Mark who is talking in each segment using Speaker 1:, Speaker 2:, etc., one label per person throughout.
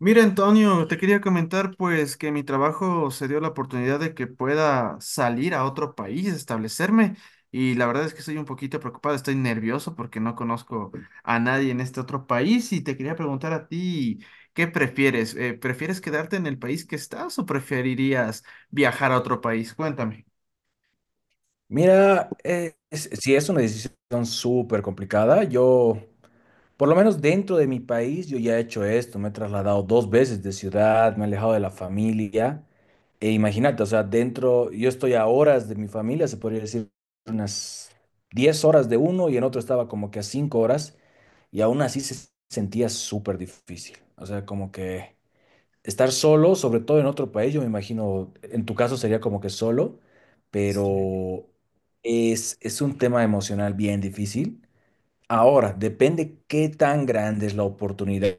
Speaker 1: Mira, Antonio, te quería comentar pues que mi trabajo se dio la oportunidad de que pueda salir a otro país, establecerme, y la verdad es que estoy un poquito preocupado, estoy nervioso porque no conozco a nadie en este otro país y te quería preguntar a ti, ¿qué prefieres? ¿prefieres quedarte en el país que estás o preferirías viajar a otro país? Cuéntame.
Speaker 2: Mira, si es una decisión súper complicada, yo, por lo menos dentro de mi país, yo ya he hecho esto, me he trasladado dos veces de ciudad, me he alejado de la familia. E imagínate, o sea, dentro, yo estoy a horas de mi familia, se podría decir unas 10 horas de uno y en otro estaba como que a 5 horas y aún así se sentía súper difícil. O sea, como que estar solo, sobre todo en otro país, yo me imagino, en tu caso sería como que solo,
Speaker 1: Sí.
Speaker 2: pero es un tema emocional bien difícil. Ahora, depende qué tan grande es la oportunidad,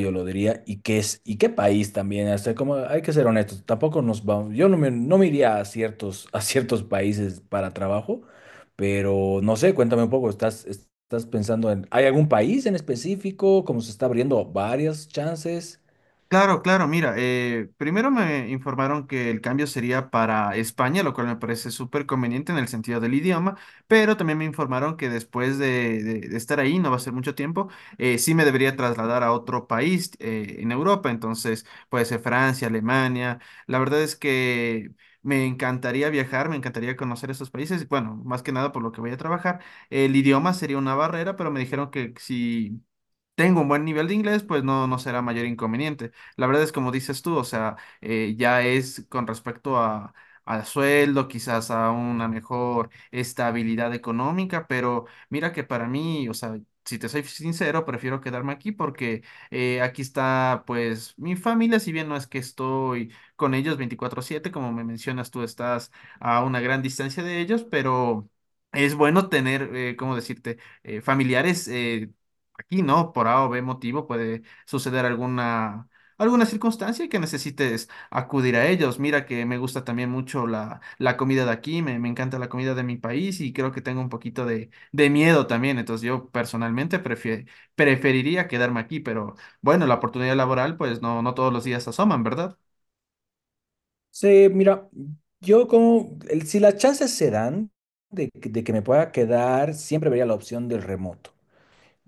Speaker 2: yo lo diría, y qué es, y qué país también. Hasta como hay que ser honestos, tampoco nos vamos, yo no me, no me iría a ciertos países para trabajo, pero no sé, cuéntame un poco, ¿estás pensando en, ¿hay algún país en específico? Como se está abriendo varias chances.
Speaker 1: Claro, claro, mira, primero me informaron que el cambio sería para España, lo cual me parece súper conveniente en el sentido del idioma, pero también me informaron que después de, de estar ahí, no va a ser mucho tiempo, sí me debería trasladar a otro país en Europa, entonces puede ser Francia, Alemania, la verdad es que me encantaría viajar, me encantaría conocer esos países, bueno, más que nada por lo que voy a trabajar, el idioma sería una barrera, pero me dijeron que si tengo un buen nivel de inglés, pues no, no será mayor inconveniente. La verdad es como dices tú, o sea, ya es con respecto a, al sueldo, quizás a una mejor estabilidad económica, pero mira que para mí, o sea, si te soy sincero, prefiero quedarme aquí porque aquí está pues mi familia, si bien no es que estoy con ellos veinticuatro siete como me mencionas tú, estás a una gran distancia de ellos, pero es bueno tener, ¿cómo decirte? Familiares. Aquí no, por A o B motivo puede suceder alguna circunstancia que necesites acudir a ellos. Mira que me gusta también mucho la comida de aquí, me encanta la comida de mi país y creo que tengo un poquito de miedo también. Entonces yo personalmente preferiría quedarme aquí, pero bueno, la oportunidad laboral pues no, no todos los días asoman, ¿verdad?
Speaker 2: Sí, mira, si las chances se dan que de que me pueda quedar, siempre vería la opción del remoto.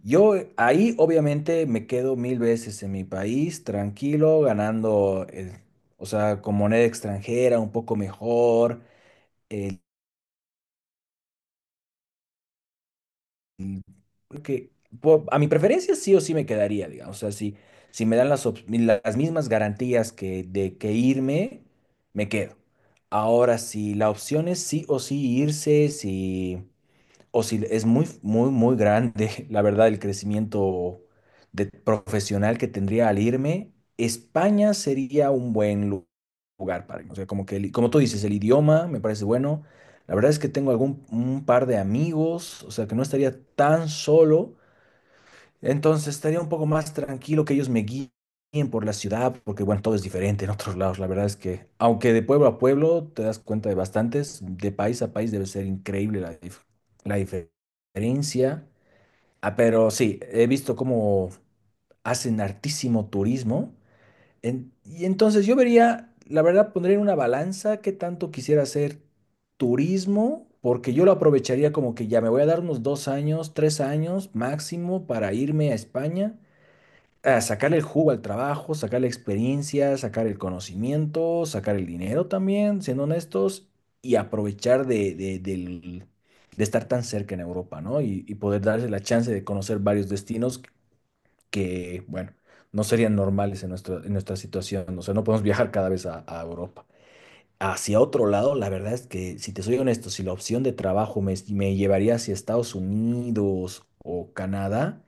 Speaker 2: Yo ahí obviamente me quedo mil veces en mi país, tranquilo, ganando, o sea, con moneda extranjera, un poco mejor. Mm, creo que a mi preferencia sí o sí me quedaría, digamos. O sea, si, si me dan las mismas garantías que de que irme, me quedo. Ahora, si la opción es sí o sí irse, si. O si es muy, muy, muy grande, la verdad, el crecimiento de profesional que tendría al irme. España sería un buen lugar para mí. O sea, como que, como tú dices, el idioma me parece bueno. La verdad es que tengo algún un par de amigos, o sea, que no estaría tan solo. Entonces estaría un poco más tranquilo que ellos me guíen por la ciudad, porque bueno, todo es diferente en otros lados. La verdad es que, aunque de pueblo a pueblo te das cuenta de bastantes, de país a país debe ser increíble la diferencia. Ah, pero sí, he visto cómo hacen hartísimo turismo. Y entonces yo vería, la verdad, pondría en una balanza qué tanto quisiera hacer turismo, porque yo lo aprovecharía como que ya me voy a dar unos 2 años, 3 años máximo para irme a España a sacarle el jugo al trabajo, sacar la experiencia, sacar el conocimiento, sacar el dinero también, siendo honestos, y aprovechar de estar tan cerca en Europa, ¿no? Y poder darse la chance de conocer varios destinos que, bueno, no serían normales en nuestra situación. O sea, no podemos viajar cada vez a Europa. Hacia otro lado, la verdad es que, si te soy honesto, si la opción de trabajo me llevaría hacia Estados Unidos o Canadá,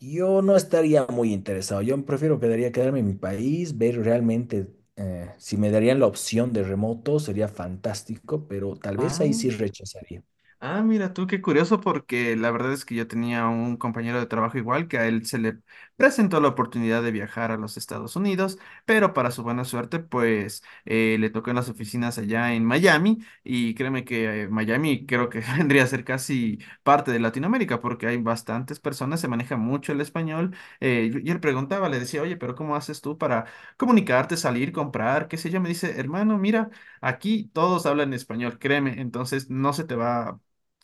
Speaker 2: yo no estaría muy interesado. Yo prefiero quedaría quedarme en mi país, ver realmente si me darían la opción de remoto, sería fantástico, pero tal vez
Speaker 1: Ah.
Speaker 2: ahí sí rechazaría.
Speaker 1: Ah, mira tú, qué curioso, porque la verdad es que yo tenía un compañero de trabajo igual que a él se le presentó la oportunidad de viajar a los Estados Unidos, pero para su buena suerte, pues le tocó en las oficinas allá en Miami y créeme que Miami creo que vendría a ser casi parte de Latinoamérica porque hay bastantes personas, se maneja mucho el español, y él preguntaba, le decía, oye, pero ¿cómo haces tú para comunicarte, salir, comprar, qué sé yo? Me dice, hermano, mira. Aquí todos hablan español, créeme, entonces no se te va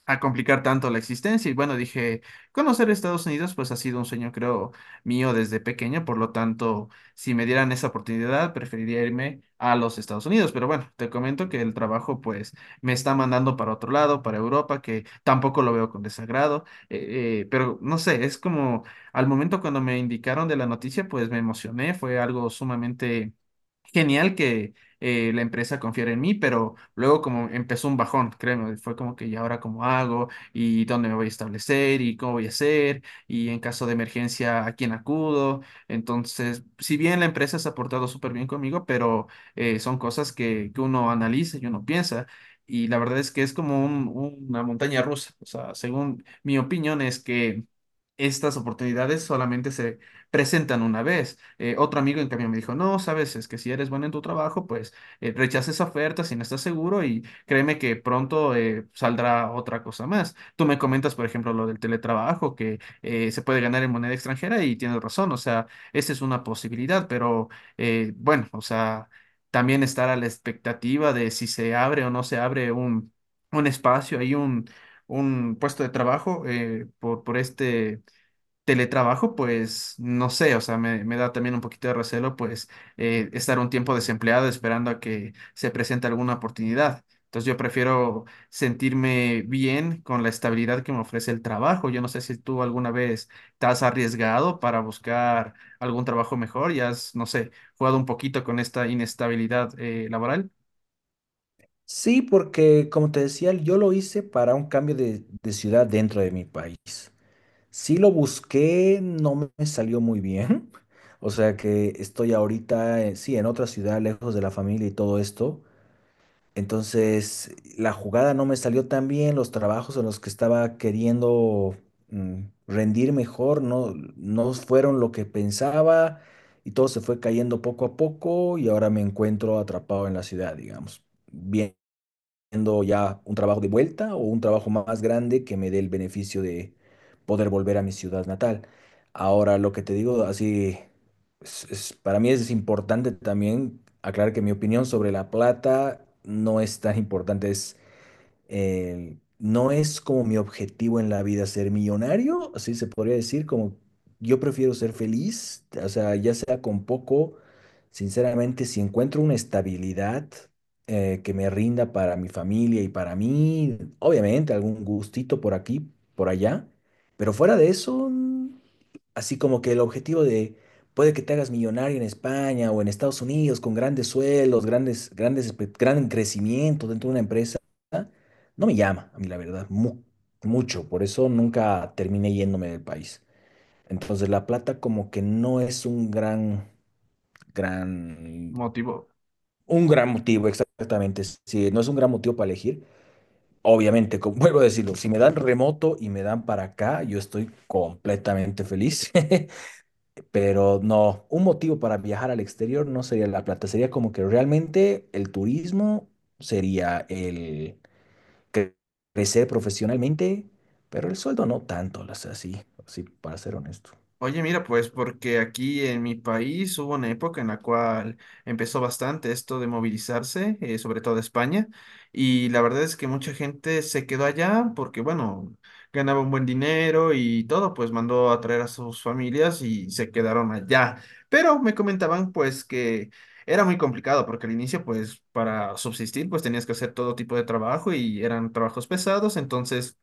Speaker 1: a complicar tanto la existencia. Y bueno, dije, conocer Estados Unidos pues ha sido un sueño, creo, mío desde pequeño, por lo tanto, si me dieran esa oportunidad, preferiría irme a los Estados Unidos. Pero bueno, te comento que el trabajo pues me está mandando para otro lado, para Europa, que tampoco lo veo con desagrado, pero no sé, es como al momento cuando me indicaron de la noticia, pues me emocioné, fue algo sumamente genial que la empresa confiara en mí, pero luego como empezó un bajón, créeme, fue como que ¿y ahora cómo hago? ¿Y dónde me voy a establecer? ¿Y cómo voy a hacer? ¿Y en caso de emergencia a quién acudo? Entonces, si bien la empresa se ha portado súper bien conmigo, pero son cosas que uno analiza y uno piensa. Y la verdad es que es como una montaña rusa. O sea, según mi opinión es que estas oportunidades solamente se presentan una vez. Otro amigo en cambio me dijo, no, sabes, es que si eres bueno en tu trabajo, pues rechaza esa oferta si no estás seguro y créeme que pronto saldrá otra cosa más. Tú me comentas, por ejemplo, lo del teletrabajo, que se puede ganar en moneda extranjera y tienes razón, o sea, esa es una posibilidad, pero bueno, o sea, también estar a la expectativa de si se abre o no se abre un espacio, hay un puesto de trabajo por este, teletrabajo, pues no sé, o sea, me da también un poquito de recelo, pues estar un tiempo desempleado esperando a que se presente alguna oportunidad. Entonces yo prefiero sentirme bien con la estabilidad que me ofrece el trabajo. Yo no sé si tú alguna vez te has arriesgado para buscar algún trabajo mejor y has, no sé, jugado un poquito con esta inestabilidad laboral,
Speaker 2: Sí, porque como te decía, yo lo hice para un cambio de ciudad dentro de mi país. Sí lo busqué, no me salió muy bien. O sea que estoy ahorita, sí, en otra ciudad, lejos de la familia y todo esto. Entonces, la jugada no me salió tan bien, los trabajos en los que estaba queriendo mm, rendir mejor no fueron lo que pensaba y todo se fue cayendo poco a poco y ahora me encuentro atrapado en la ciudad, digamos. Bien, haciendo ya un trabajo de vuelta o un trabajo más grande que me dé el beneficio de poder volver a mi ciudad natal. Ahora, lo que te digo, así, para mí es importante también aclarar que mi opinión sobre La Plata no es tan importante, es no es como mi objetivo en la vida ser millonario, así se podría decir, como yo prefiero ser feliz, o sea, ya sea con poco, sinceramente, si encuentro una estabilidad que me rinda para mi familia y para mí, obviamente algún gustito por aquí, por allá, pero fuera de eso, mm, así como que el objetivo de puede que te hagas millonario en España o en Estados Unidos con grandes sueldos grandes, grandes, gran crecimiento dentro de una empresa, no me llama a mí la verdad, mucho, por eso nunca terminé yéndome del país. Entonces la plata como que no es un gran, gran,
Speaker 1: motivo,
Speaker 2: un gran motivo, exactamente, sí, no es un gran motivo para elegir. Obviamente, como vuelvo a decirlo, si me dan remoto y me dan para acá, yo estoy completamente feliz. Pero no, un motivo para viajar al exterior no sería La Plata, sería como que realmente el turismo sería el cre- crecer profesionalmente, pero el sueldo no tanto, o sea, sí, sí, para ser honesto.
Speaker 1: oye, mira, pues porque aquí en mi país hubo una época en la cual empezó bastante esto de movilizarse, sobre todo España, y la verdad es que mucha gente se quedó allá porque, bueno, ganaba un buen dinero y todo, pues mandó a traer a sus familias y se quedaron allá. Pero me comentaban pues que era muy complicado porque al inicio pues para subsistir pues tenías que hacer todo tipo de trabajo y eran trabajos pesados, entonces...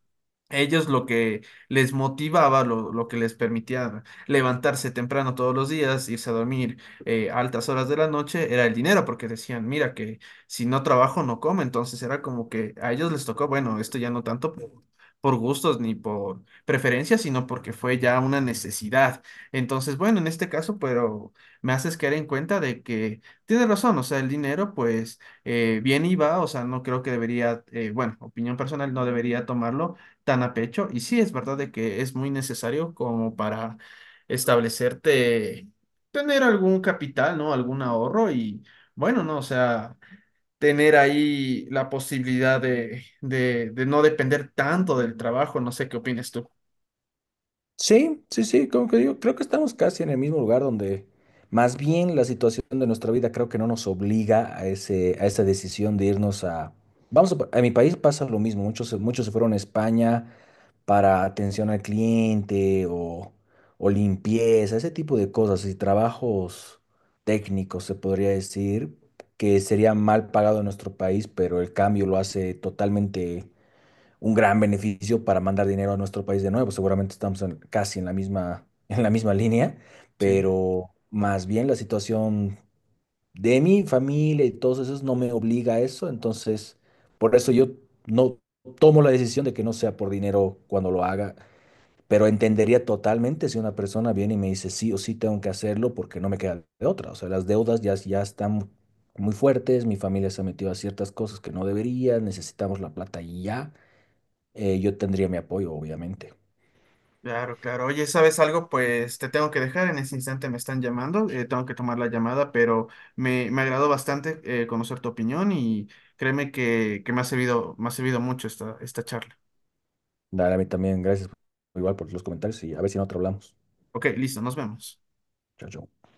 Speaker 1: Ellos lo que les motivaba, lo que les permitía levantarse temprano todos los días, irse a dormir a altas horas de la noche, era el dinero, porque decían, mira, que si no trabajo no como, entonces era como que a ellos les tocó, bueno, esto ya no tanto por gustos ni por preferencias, sino porque fue ya una necesidad. Entonces, bueno, en este caso, pero me haces caer en cuenta de que tienes razón, o sea, el dinero pues viene y va, o sea, no creo que debería, bueno, opinión personal, no debería tomarlo tan a pecho. Y sí, es verdad de que es muy necesario como para establecerte, tener algún capital, ¿no? Algún ahorro y bueno, ¿no? O sea, tener ahí la posibilidad de no depender tanto del trabajo. No sé qué opinas tú.
Speaker 2: Sí, sí, sí, como que digo, creo que estamos casi en el mismo lugar donde más bien la situación de nuestra vida creo que no nos obliga a ese, a esa decisión de irnos a... Vamos a, a mi país pasa lo mismo, muchos, muchos se fueron a España para atención al cliente o limpieza, ese tipo de cosas y trabajos técnicos, se podría decir, que sería mal pagado en nuestro país, pero el cambio lo hace totalmente un gran beneficio para mandar dinero a nuestro país de nuevo. Seguramente estamos casi en la misma, en la misma línea,
Speaker 1: Sí,
Speaker 2: pero más bien la situación de mi familia y todos esos no me obliga a eso, entonces por eso yo no tomo la decisión de que no sea por dinero cuando lo haga. Pero entendería totalmente si una persona viene y me dice sí o sí tengo que hacerlo porque no me queda de otra. O sea, las deudas ya, ya están muy fuertes, mi familia se ha metido a ciertas cosas que no debería, necesitamos la plata y ya. Yo tendría mi apoyo, obviamente.
Speaker 1: claro, claro. Oye, ¿sabes algo? Pues te tengo que dejar. En ese instante me están llamando. Tengo que tomar la llamada, pero me agradó bastante conocer tu opinión y créeme que me ha servido mucho esta, esta charla.
Speaker 2: Dale, a mí también, gracias igual por los comentarios y a ver si en otro hablamos.
Speaker 1: Ok, listo, nos vemos.
Speaker 2: Chao, chao.